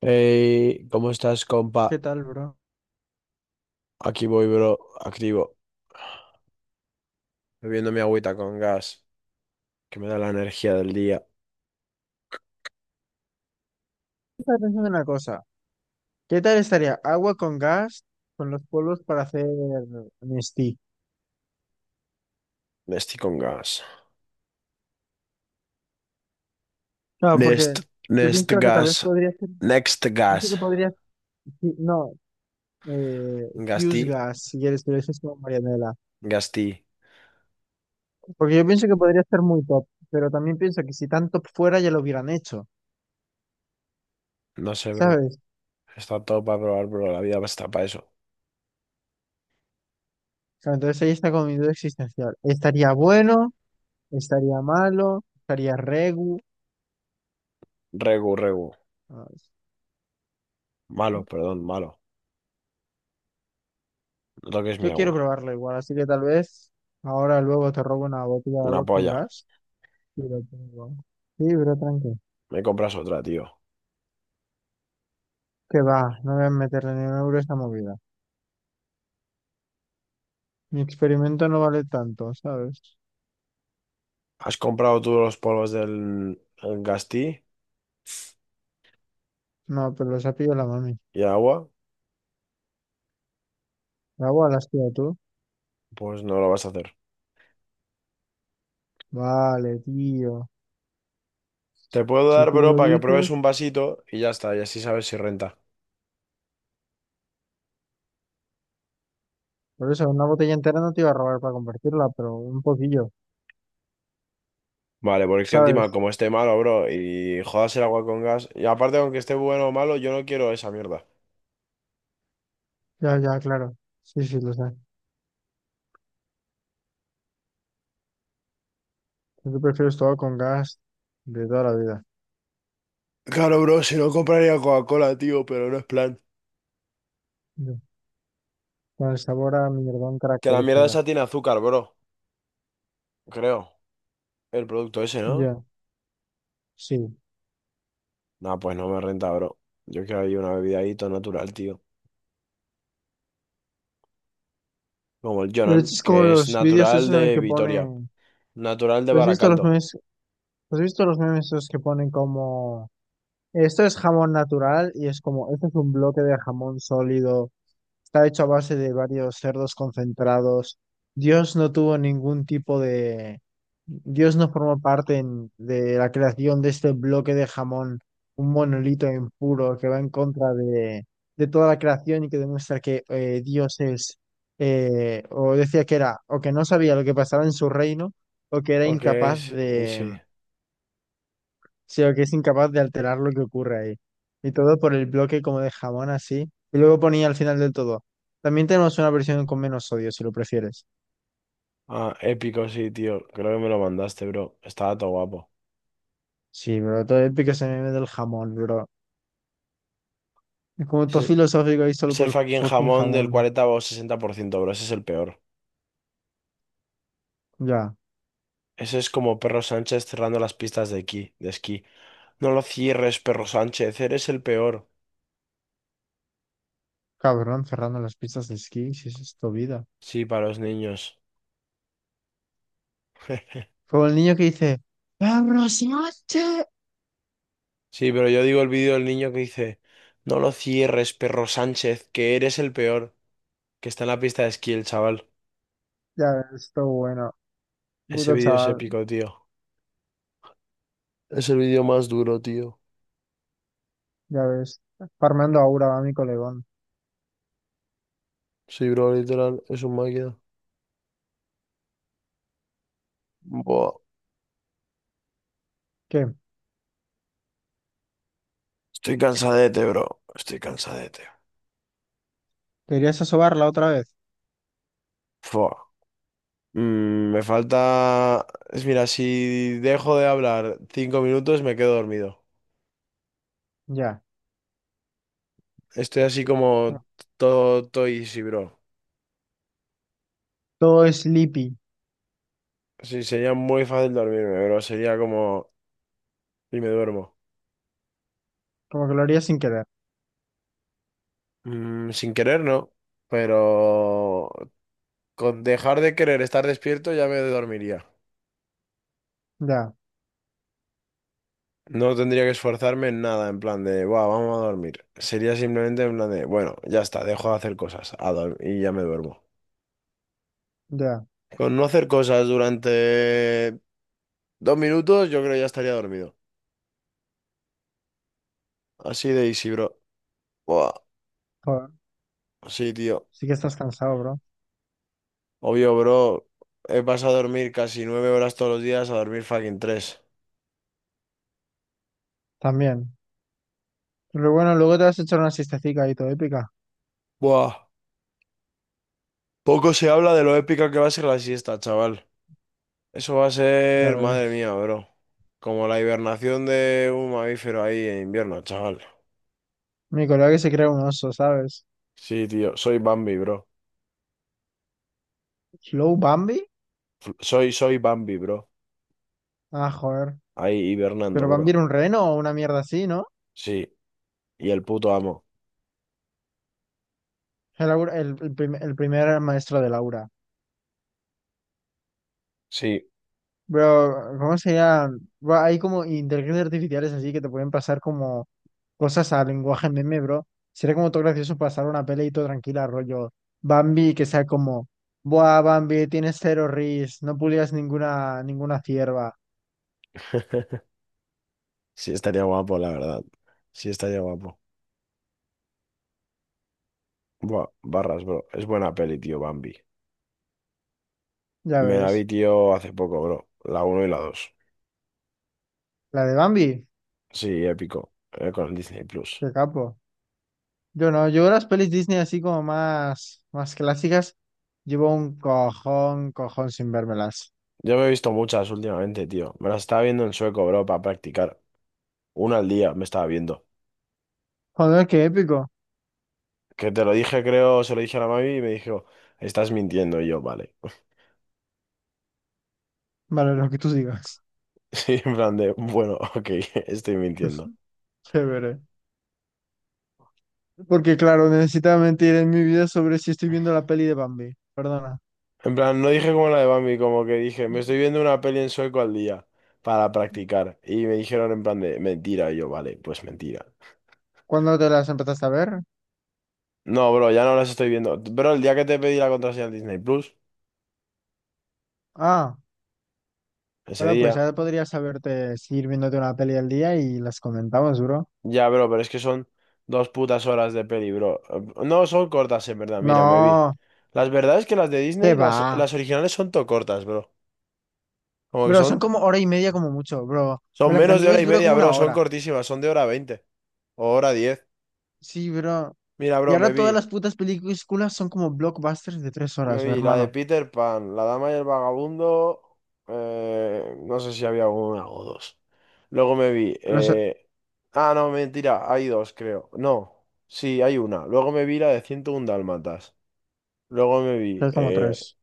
Hey, ¿cómo estás, ¿Qué compa? tal, bro? Aquí voy, bro, activo, bebiendo mi agüita con gas, que me da la energía del día. Estaba pensando en una cosa. ¿Qué tal estaría agua con gas con los polvos para hacer Nestí? Nesti con gas. No, porque Nest, yo Nest pienso que tal vez gas, podría ser, Next pienso gas. que podría, sí, no, Gasti, Fuse Gas, si quieres, pero eso es como Marianela. Gasti. Porque yo pienso que podría ser muy top, pero también pienso que si tan top fuera ya lo hubieran hecho, No sé, bro. ¿sabes? O Está todo para probar, bro. La vida está para eso. entonces ahí está como mi duda existencial. ¿Estaría bueno? ¿Estaría malo? ¿Estaría regu? Regu, regu. ¿Sabes? Malo, ¿No? perdón, malo. No toques mi Yo quiero agua. probarlo igual, así que tal vez ahora luego te robo una botella de Una agua con polla. gas y lo pongo. Sí, pero tranqui. Me compras otra, tío. Que va, no voy a meterle ni un euro a esta movida. Mi experimento no vale tanto, ¿sabes? ¿Has comprado tú los polvos del el Gasti No, pero los ha pillado la mami. y agua? El agua la has pillado tú. Pues no lo vas a hacer. Vale, tío. Te puedo Si dar, tú bro, lo para que dices, pruebes un vasito y ya está, y así sabes si renta. por eso una botella entera no te iba a robar para compartirla, pero un poquillo, Vale, porque es que encima, ¿sabes? como esté malo, bro, y jodas el agua con gas, y aparte, aunque esté bueno o malo, yo no quiero esa mierda. Ya, ya, claro. Sí, sí, lo sé. Yo prefiero todo con gas de toda la vida. Claro, bro, si no compraría Coca-Cola, tío, pero no es plan. Yo, Con el sabor a mierdón Que la mierda característico. esa tiene azúcar, bro, creo. El producto ese, ¿no? Ya, sí. No, pues no me renta, bro. Yo quiero ahí una bebida ahí todo natural, tío. Como el Pero Jonan, este es como que es los vídeos natural esos en el de que Vitoria, ponen, natural de ¿has visto los Baracaldo. memes? ¿Has visto los memes esos que ponen como, esto es jamón natural y es como, esto es un bloque de jamón sólido. Está hecho a base de varios cerdos concentrados. Dios no tuvo ningún tipo de. Dios no formó parte de la creación de este bloque de jamón, un monolito impuro que va en contra de toda la creación y que demuestra que Dios es, o decía que era, o que no sabía lo que pasaba en su reino, o que era Ok, incapaz, sí. Sí. sí, o que es incapaz de alterar lo que ocurre ahí. Y todo por el bloque como de jamón así. Y luego ponía al final del todo. También tenemos una versión con menos sodio, si lo prefieres. Ah, épico, sí, tío. Creo que me lo mandaste, bro. Estaba todo guapo. Sí, bro, todo épico ese meme del jamón, bro. Es como todo Ese filosófico ahí solo es por el el fucking fucking jamón del jamón. 40 o sesenta por ciento, bro. Ese es el peor. Ya, Ese es como Perro Sánchez cerrando las pistas de esquí. No lo cierres, Perro Sánchez. Eres el peor. cabrón, cerrando las pistas de esquí, si eso es tu vida. Sí, para los niños. Como el niño que dice, ¡Abrosioche! Sí, pero yo digo el vídeo del niño que dice, no lo cierres, Perro Sánchez, que eres el peor. Que está en la pista de esquí, el chaval. Ya ves, esto bueno. Ese Puto vídeo es chaval, épico, tío. Es el vídeo más duro, tío. ya ves. Farmando aura va mi colegón. Sí, bro, literal, es un máquina. Buah. ¿Qué? Estoy cansadete, bro. Estoy cansadete. ¿Querías asobarla otra vez? Fua. Me falta... Mira, si dejo de hablar 5 minutos me quedo dormido. Ya. Estoy así como todo, todo easy, bro. Todo sleepy, Sí, sería muy fácil dormirme, bro. Sería como... Y me duermo. como que lo haría sin querer. Sin querer, no. Pero con dejar de querer estar despierto ya me dormiría. Ya, No tendría que esforzarme en nada, en plan de, "Buah, vamos a dormir". Sería simplemente en plan de, bueno, ya está, dejo de hacer cosas y ya me duermo. ya. Con no hacer cosas durante 2 minutos, yo creo que ya estaría dormido. Así de easy, bro. Buah, Joder, sí, tío. sí que estás cansado, bro. Obvio, bro. He pasado a dormir casi 9 horas todos los días a dormir fucking tres. También. Pero bueno, luego te vas a echar una siestecica ahí todo épica. Buah. Poco se habla de lo épica que va a ser la siesta, chaval. Eso va a Ya ser, madre ves. mía, bro. Como la hibernación de un mamífero ahí en invierno, chaval. Mi colega que se crea un oso, ¿sabes? Sí, tío. Soy Bambi, bro. ¿Slow Bambi? Soy Bambi, bro. Ah, joder. Ahí hibernando, Pero Bambi bro. era un reno o una mierda así, ¿no? Sí. Y el puto amo. El, aur- el prim- el primer maestro de Laura. Sí. Bro, ¿cómo se llama? Buah, hay como inteligencias artificiales así que te pueden pasar como cosas a lenguaje meme, bro. Sería como todo gracioso pasar una pelea y todo tranquila, rollo Bambi, que sea como, buah, Bambi, tienes cero ris, no pulías ninguna cierva. Sí, estaría guapo, la verdad. Sí, estaría guapo. Buah, barras, bro. Es buena peli, tío, Bambi. Ya Me la vi, ves. tío, hace poco, bro. La uno y la dos. La de Bambi, Sí, épico, con el Disney Plus. qué capo. Yo no, yo las pelis Disney así como más, más clásicas, llevo un cojón, cojón sin vérmelas. Yo me he visto muchas últimamente, tío. Me las estaba viendo en sueco, bro, para practicar. Una al día me estaba viendo. Joder, qué épico. Que te lo dije, creo, se lo dije a la mami y me dijo, estás mintiendo. Y yo, vale. Vale, lo que tú digas. Sí, en plan de, bueno, ok, estoy mintiendo. Chévere. Porque claro, necesitaba mentir en mi vida sobre si estoy viendo la peli de Bambi. Perdona. En plan, no dije como la de Bambi, como que dije, me estoy viendo una peli en sueco al día para practicar. Y me dijeron en plan de mentira. Y yo, vale, pues mentira. ¿Cuándo te las empezaste a ver? No, bro, ya no las estoy viendo. Bro, el día que te pedí la contraseña de Disney Plus, Ah, ese bueno, pues día, ya podrías saberte seguir viéndote una peli al día y las comentamos, bro. ya, bro, pero es que son 2 putas horas de peli, bro. No, son cortas, en verdad, mira, me vi. No, Las verdad es que las de qué Disney, va. las originales son todo cortas, bro. Como que Bro, son, son como hora y media como mucho, bro. son menos de hora Blancanieves y dura como media, una bro, son hora. cortísimas, son de hora veinte o hora diez. Sí, bro. Mira, Y bro, me ahora todas vi. las putas películas son como blockbusters de tres Me horas, mi vi la de hermano. Peter Pan, La Dama y el Vagabundo. No sé si había una o dos. Luego me vi. Los, Ah, no, mentira, hay dos, creo. No, sí, hay una. Luego me vi la de 101 Dálmatas. Luego me vi. es como tres.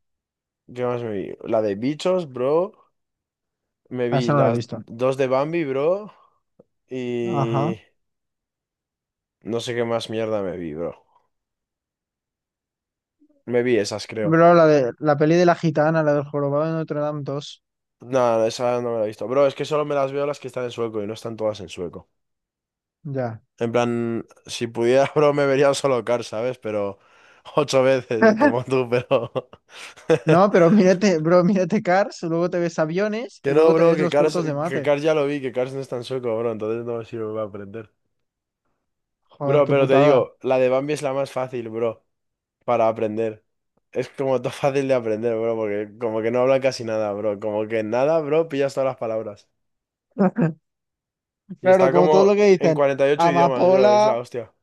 ¿Qué más me vi? La de Bichos, bro. Me Ah, vi esa no la he las visto. dos de Bambi, bro. Ajá. Y. No sé qué más mierda me vi, bro. Me vi esas, creo. Bro, la de la peli de la gitana, la del jorobado de Notre Dame dos. Nada, esa no me la he visto. Bro, es que solo me las veo las que están en sueco y no están todas en sueco. Ya. En plan, si pudiera, bro, me vería un solo car, ¿sabes? Pero ocho veces, como tú, pero... No, pero mírate, bro, mírate Cars, luego te ves aviones Que y no, luego te bro, ves que los Cars, cortos de que mate. Cars ya lo vi, que Cars no es tan sueco, bro, entonces no me sirve para aprender. Joder, Bro, qué pero te putada. digo, la de Bambi es la más fácil, bro, para aprender. Es como todo fácil de aprender, bro, porque como que no hablan casi nada, bro. Como que en nada, bro, pillas todas las palabras. Y Claro, está como todo lo como que en dicen, 48 idiomas, bro, es amapola, la hostia.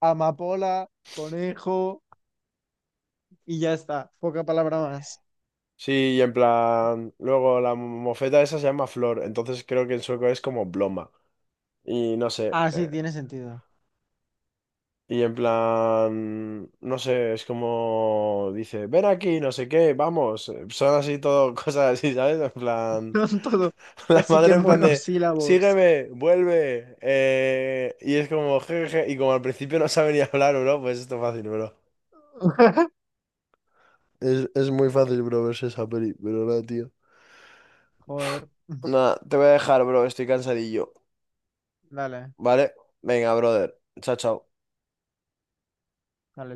amapola, conejo y ya está, poca palabra más. Sí, y en plan, luego la mofeta esa se llama Flor, entonces creo que en sueco es como Blomma. Y no sé, Así tiene sentido. y en plan, no sé, es como dice, ven aquí, no sé qué, vamos. Son así todo, cosas así, ¿sabes? En plan, No todo, la casi que madre en plan de, monosílabos. sígueme, vuelve. Y es como, jejeje, y como al principio no sabe ni hablar, bro, pues esto es fácil, bro. Es muy fácil, bro, verse esa peli, pero nada, tío. Joder. Nada, te voy a dejar, bro, estoy cansadillo. Dale, Vale, venga, brother. Chao, chao. dale.